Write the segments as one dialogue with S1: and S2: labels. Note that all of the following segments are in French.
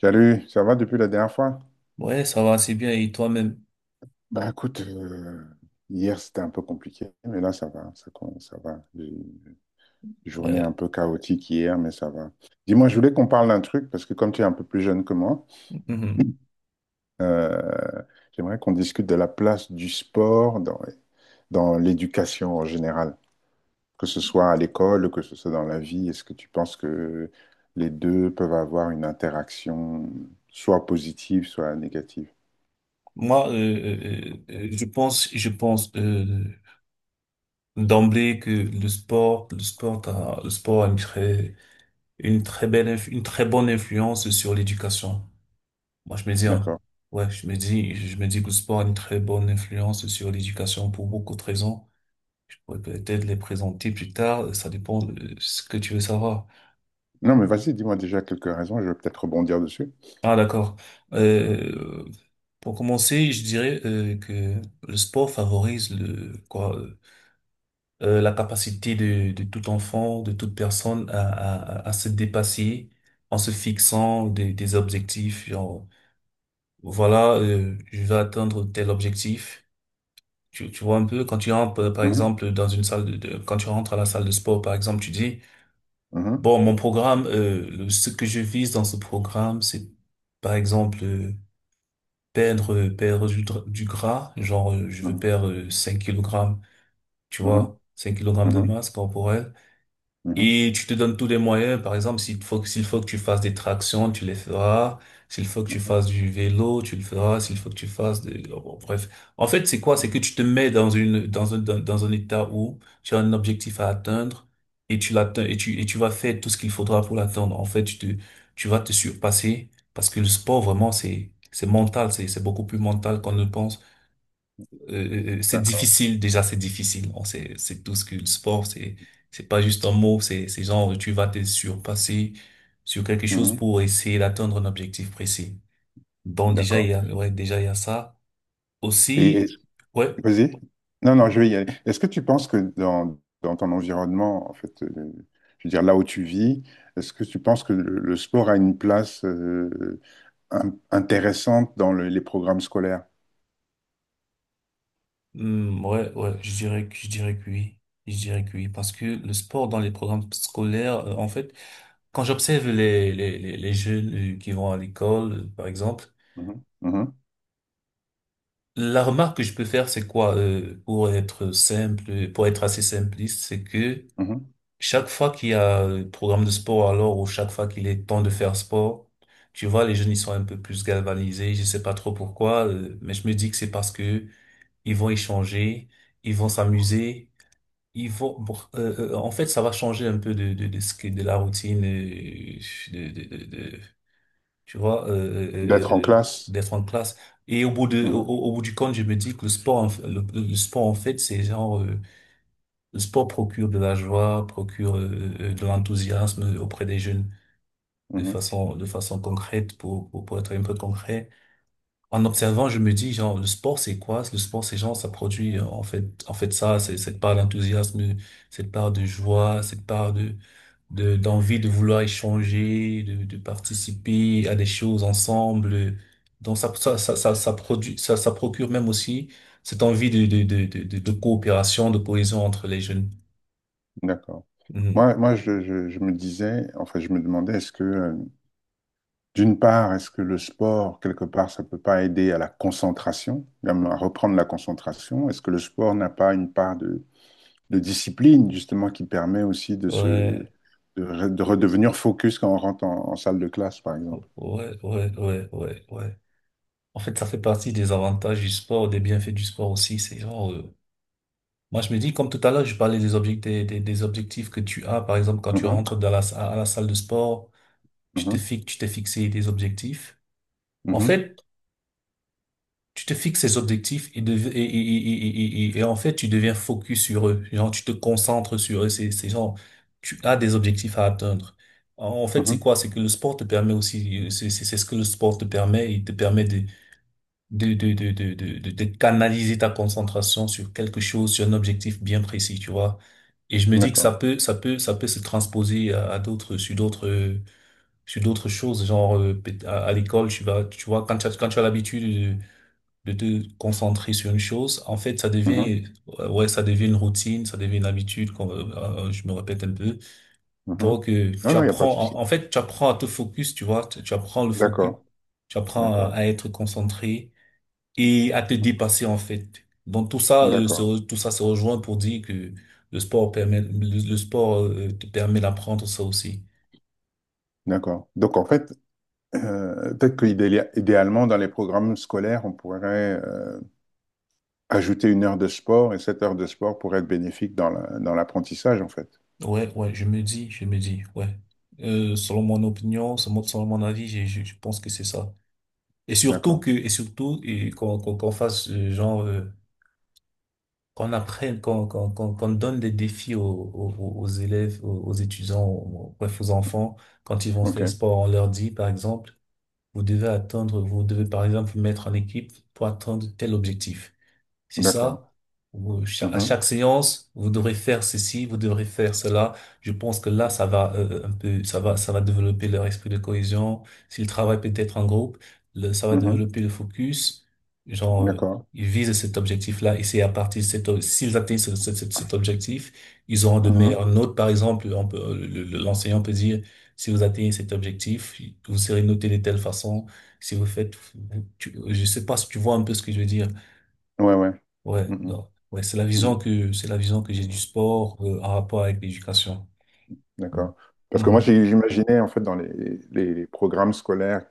S1: Salut, ça va depuis la dernière fois?
S2: Ouais, ça va assez bien et toi-même.
S1: Bah écoute, hier c'était un peu compliqué, mais là ça va, ça va. J'ai une Journée un
S2: Ouais.
S1: peu chaotique hier, mais ça va. Dis-moi, je voulais qu'on parle d'un truc, parce que comme tu es un peu plus jeune que moi,
S2: Mhm.
S1: euh, j'aimerais qu'on discute de la place du sport dans l'éducation en général, que ce soit à l'école, que ce soit dans la vie. Est-ce que tu penses que les deux peuvent avoir une interaction, soit positive, soit négative?
S2: Moi, je pense, d'emblée que le sport a une très bonne influence sur l'éducation. Moi, je me dis, hein,
S1: D'accord.
S2: ouais, je me dis que le sport a une très bonne influence sur l'éducation pour beaucoup de raisons. Je pourrais peut-être les présenter plus tard. Ça dépend de ce que tu veux savoir.
S1: Non, mais vas-y, dis-moi déjà quelques raisons, je vais peut-être rebondir dessus.
S2: Ah d'accord. Euh, pour commencer, je dirais, que le sport favorise le quoi la capacité de tout enfant, de toute personne à se dépasser en se fixant des objectifs. Genre, voilà, je vais atteindre tel objectif. Tu vois un peu quand tu rentres par
S1: Mhm,
S2: exemple dans une salle de- quand tu rentres à la salle de sport par exemple, tu dis
S1: mhm,
S2: bon, mon programme, ce que je vise dans ce programme, c'est par exemple, perdre du gras, genre, je veux
S1: mhm,
S2: perdre, 5 kg, tu vois, 5 kilogrammes de
S1: mhm,
S2: masse corporelle.
S1: mhm, mhm.
S2: Et tu te donnes tous les moyens. Par exemple, s'il faut que tu fasses des tractions, tu les feras. S'il faut que tu fasses du vélo, tu le feras. S'il faut que tu fasses de, bon, bref. En fait, c'est quoi? C'est que tu te mets dans une, dans un, dans, dans un état où tu as un objectif à atteindre et tu l'atteins et tu vas faire tout ce qu'il faudra pour l'atteindre. En fait, tu vas te surpasser parce que le sport, vraiment, c'est mental. C'est beaucoup plus mental qu'on ne pense, c'est
S1: D'accord.
S2: difficile, déjà c'est difficile. On sait, c'est tout ce que le sport, c'est pas juste un mot, c'est genre tu vas te surpasser sur quelque chose
S1: Mhm,
S2: pour essayer d'atteindre un objectif précis. Bon, déjà il y
S1: d'accord.
S2: a, ouais, déjà il y a ça.
S1: Et, et-
S2: Aussi, ouais,
S1: Vas-y. Non, non, je vais y aller. Est-ce que tu penses que dans ton environnement, en fait, je veux dire là où tu vis, est-ce que tu penses que le sport a une place intéressante dans les programmes scolaires?
S2: ouais, ouais, je dirais que oui. Je dirais que oui, parce que le sport dans les programmes scolaires, en fait, quand j'observe les jeunes, qui vont à l'école, par exemple,
S1: Mhm, mhm,
S2: la remarque que je peux faire, c'est quoi, pour être simple, pour être assez simpliste, c'est que
S1: mhm.
S2: chaque fois qu'il y a un programme de sport, alors, ou chaque fois qu'il est temps de faire sport, tu vois, les jeunes, ils sont un peu plus galvanisés, je sais pas trop pourquoi, mais je me dis que c'est parce que ils vont échanger, ils vont s'amuser, ils vont, bon, en fait, ça va changer un peu de la routine, de, de, de, tu vois,
S1: D'être en classe?
S2: d'être en classe. Et au bout de, au,
S1: Mhm,
S2: au- au bout du compte, je me dis que le sport en fait, c'est genre, le sport procure de la joie, procure, de l'enthousiasme auprès des jeunes de
S1: mhm.
S2: façon, de façon concrète, pour être un peu concret. En observant, je me dis, genre, le sport, c'est quoi? Le sport, c'est genre, ça produit, en fait, ça, c'est cette part d'enthousiasme, cette part de joie, cette part d'envie de vouloir échanger, de participer à des choses ensemble. Donc ça procure même aussi cette envie de coopération, de cohésion entre les jeunes.
S1: D'accord.
S2: Mhm.
S1: Moi, je me disais, enfin, je me demandais, est-ce que d'une part, est-ce que le sport, quelque part, ça peut pas aider à la concentration, même à reprendre la concentration? Est-ce que le sport n'a pas une part de discipline, justement, qui permet aussi de
S2: Ouais,
S1: de redevenir focus quand on rentre en salle de classe, par exemple?
S2: ouais, ouais, ouais, ouais, ouais. En fait, ça fait partie des avantages du sport, des bienfaits du sport aussi. C'est genre, moi je me dis, comme tout à l'heure, je parlais des objectifs, des objectifs que tu as. Par exemple, quand tu
S1: Mhm,
S2: rentres à la salle de sport,
S1: mhm,
S2: tu t'es fixé des objectifs. En
S1: mhm,
S2: fait, tu te fixes ces objectifs et en fait, tu deviens focus sur eux. Genre, tu te concentres sur eux. C'est genre, tu as des objectifs à atteindre. En fait, c'est
S1: mhm.
S2: quoi? C'est que le sport te permet aussi, c'est ce que le sport te permet. Il te permet de canaliser ta concentration sur quelque chose, sur un objectif bien précis, tu vois. Et je me dis que
S1: D'accord.
S2: ça peut se transposer à d'autres, sur d'autres, sur d'autres choses. Genre, à l'école, tu vois, quand tu as l'habitude de te concentrer sur une chose, en fait, ça
S1: Mhm,
S2: devient, euh, ouais, ça devient une routine, ça devient une habitude, je me répète un peu.
S1: mhm.
S2: Donc,
S1: Non,
S2: tu
S1: non, il n'y a pas de
S2: apprends,
S1: souci.
S2: en fait, tu apprends à te focus, tu vois, tu apprends le focus,
S1: D'accord,
S2: tu apprends à,
S1: d'accord,
S2: à être concentré et à te dépasser, en fait. Donc, tout ça,
S1: d'accord,
S2: tout ça se rejoint pour dire que le sport permet, le, le sport te permet d'apprendre ça aussi.
S1: d'accord. Donc, en fait, peut-être qu'idéalement, dans les programmes scolaires, on pourrait ajouter une heure de sport et cette heure de sport pourrait être bénéfique dans dans l'apprentissage, en fait.
S2: Ouais, ouais, je me dis, ouais. Selon mon opinion, selon mon avis, je je pense que c'est ça. Et surtout que,
S1: D'accord.
S2: et surtout , qu'on fasse, genre, qu'on donne des défis aux élèves, aux étudiants, bref aux enfants quand ils vont faire
S1: OK.
S2: sport. On leur dit par exemple, vous devez par exemple vous mettre en équipe pour atteindre tel objectif. C'est ça.
S1: D'accord.
S2: À
S1: Mhm.
S2: chaque séance, vous devrez faire ceci, vous devrez faire cela. Je pense que là, ça va un peu, ça va développer leur esprit de cohésion. S'ils travaillent peut-être en groupe, ça va
S1: Mhm.
S2: développer le focus. Genre,
S1: D'accord.
S2: ils visent cet objectif-là et c'est à partir de cet, o- s'ils atteignent cet objectif, ils auront de meilleures
S1: Mhm.
S2: notes. Par exemple, on peut, le- l'enseignant peut dire, si vous atteignez cet objectif, vous serez noté de telle façon. Si vous faites, tu- Je sais pas si tu vois un peu ce que je veux dire.
S1: Ouais, ouais.
S2: Ouais,
S1: Mhm.
S2: donc, ouais,
S1: Mhm.
S2: c'est la vision que j'ai du sport, en rapport avec l'éducation.
S1: D'accord. Parce que moi,
S2: Mhm,
S1: j'imaginais, en fait, dans les programmes scolaires.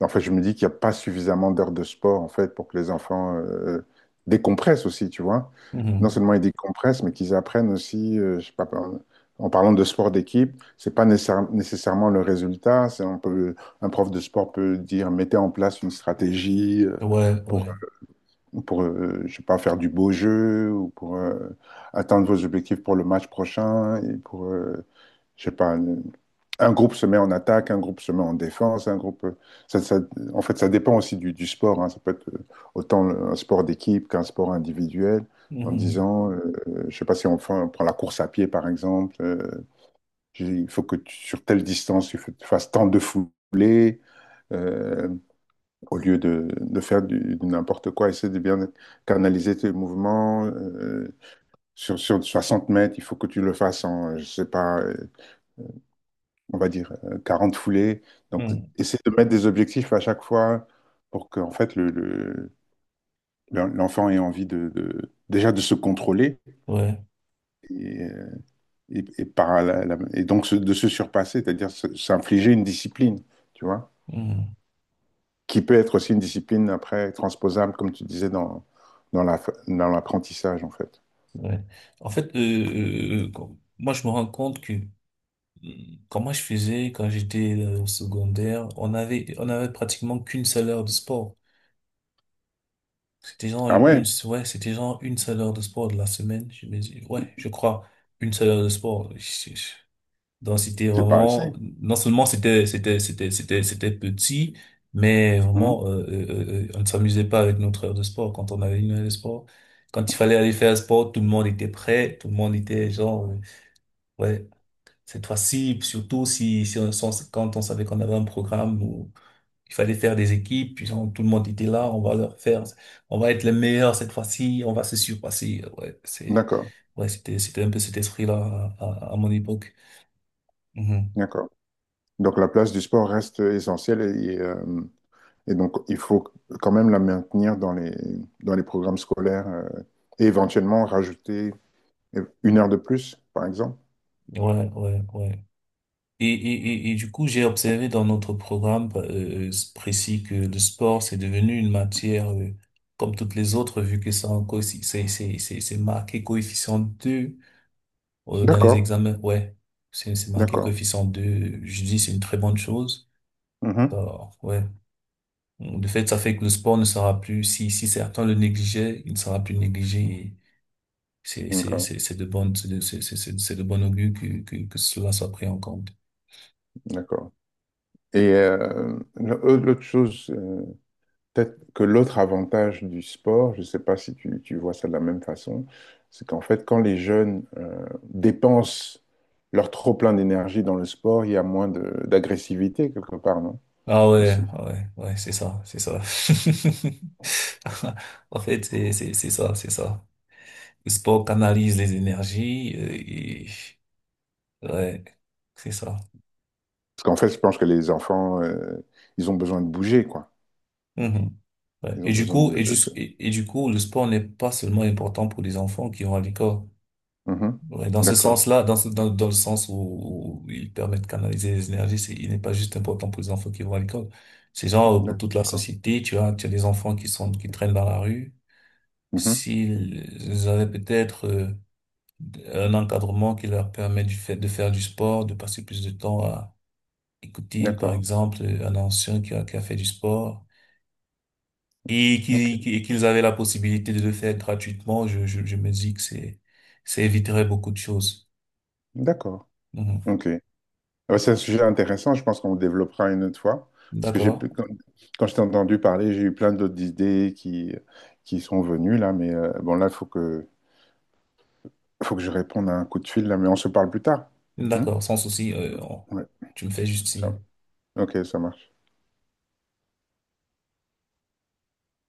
S1: En fait, je me dis qu'il n'y a pas suffisamment d'heures de sport, en fait, pour que les enfants décompressent aussi, tu vois. Non
S2: mhm.
S1: seulement ils décompressent, mais qu'ils apprennent aussi, je sais pas, en parlant de sport d'équipe, c'est pas nécessairement le résultat. C'est, on peut, un prof de sport peut dire, mettez en place une stratégie
S2: Ouais,
S1: pour
S2: ouais.
S1: ou pour, je sais pas, faire du beau jeu, ou pour atteindre vos objectifs pour le match prochain, et pour, je sais pas, un groupe se met en attaque, un groupe se met en défense, un groupe, ça, ça- en fait, ça dépend aussi du sport, hein. Ça peut être autant un sport d'équipe qu'un sport individuel, en
S2: Mhm,
S1: disant, je sais pas si on prend la course à pied, par exemple, il faut que sur telle distance, tu fasses tant de foulées, euh, au lieu de faire du n'importe quoi, essaie de bien canaliser tes mouvements. Sur sur 60 mètres, il faut que tu le fasses en, je sais pas, on va dire 40 foulées. Donc,
S2: mhm.
S1: essaie de mettre des objectifs à chaque fois pour que, en fait, l'enfant ait envie déjà de se contrôler
S2: Ouais,
S1: et, euh, et donc de se surpasser, c'est-à-dire s'infliger une discipline, tu vois.
S2: mhm,
S1: Qui peut être aussi une discipline après transposable, comme tu disais, dans la, dans l'apprentissage, en fait.
S2: ouais. En fait, moi, je me rends compte que, comment je faisais quand j'étais, au secondaire, on avait pratiquement qu'une seule heure de sport. C'était genre
S1: Ah
S2: une,
S1: ouais,
S2: une- ouais, c'était genre une seule heure de sport de la semaine. Je me dis, ouais, je crois une seule heure de sport. Donc c'était
S1: c'est pas
S2: vraiment,
S1: assez.
S2: non seulement c'était petit, mais
S1: Mhm.
S2: vraiment, on ne s'amusait pas avec notre heure de sport. Quand on avait une heure de sport, quand il fallait aller faire sport, tout le monde était prêt, tout le monde était genre, ouais, cette fois-ci, surtout si si on sens- quand on savait qu'on avait un programme où il fallait faire des équipes, puis genre, tout le monde était là, on va leur faire, on va être les meilleurs cette fois-ci, on va se surpasser. Ouais c'est
S1: D'accord,
S2: ouais c'était c'était un peu cet esprit-là à mon époque. Mhm.
S1: d'accord. Donc la place du sport reste essentielle et donc il faut quand même la maintenir dans dans les programmes scolaires et éventuellement rajouter une heure de plus, par exemple.
S2: Ouais, ouais, ouais. Et du coup, j'ai observé dans notre programme, précis que le sport, c'est devenu une matière, comme toutes les autres, vu que c'est en coeffi- c'est marqué coefficient 2 , dans les
S1: D'accord,
S2: examens. Ouais, c'est marqué
S1: d'accord.
S2: coefficient deux. Je dis, c'est une très bonne chose.
S1: Mhm.
S2: Alors, ouais. De fait, ça fait que le sport ne sera plus, si, si certains le négligeaient, il ne sera plus négligé. Et
S1: D'accord,
S2: c'est de bonne, c'est de bonne augure que cela soit pris en compte.
S1: d'accord. Et l'autre chose, peut-être que l'autre avantage du sport, je ne sais pas si tu, tu vois ça de la même façon, c'est qu'en fait, quand les jeunes dépensent leur trop-plein d'énergie dans le sport, il y a moins d'agressivité quelque part, non?
S2: Ah ouais,
S1: Aussi.
S2: ah ouais, ouais, c'est ça, c'est ça. En fait, c'est ça, c'est ça. Le sport canalise les énergies, ouais, c'est ça.
S1: Parce qu'en fait, je pense que les enfants, ils ont besoin de bouger, quoi.
S2: Mhm. Ouais.
S1: Ils
S2: Et
S1: ont
S2: du
S1: besoin
S2: coup, et,
S1: de...
S2: juste et du coup, le sport n'est pas seulement important pour les enfants qui vont à l'école.
S1: Mhm.
S2: Ouais, dans ce
S1: D'accord,
S2: sens-là, dans le sens où il permet de canaliser les énergies, il n'est pas juste important pour les enfants qui vont à l'école. C'est genre, pour toute la
S1: d'accord.
S2: société, tu vois, tu as des enfants qui traînent dans la rue.
S1: Mhm.
S2: S'ils avaient peut-être, un encadrement qui leur permet du fait de faire du sport, de passer plus de temps à écouter, par
S1: D'accord,
S2: exemple, un ancien qui a fait du sport
S1: ok,
S2: et qu'ils avaient la possibilité de le faire gratuitement, je me dis que ça éviterait beaucoup de choses.
S1: d'accord,
S2: Mhm.
S1: ok. Ouais, c'est un sujet intéressant, je pense qu'on le développera une autre fois, parce que
S2: D'accord,
S1: quand, quand je t'ai entendu parler, j'ai eu plein d'autres idées qui sont venues là, mais bon là, il faut faut que je réponde à un coup de fil là, mais on se parle plus tard. Hmm.
S2: d'accord, sans souci.
S1: Ouais,
S2: Tu me fais juste signe.
S1: ça- ok, ça marche.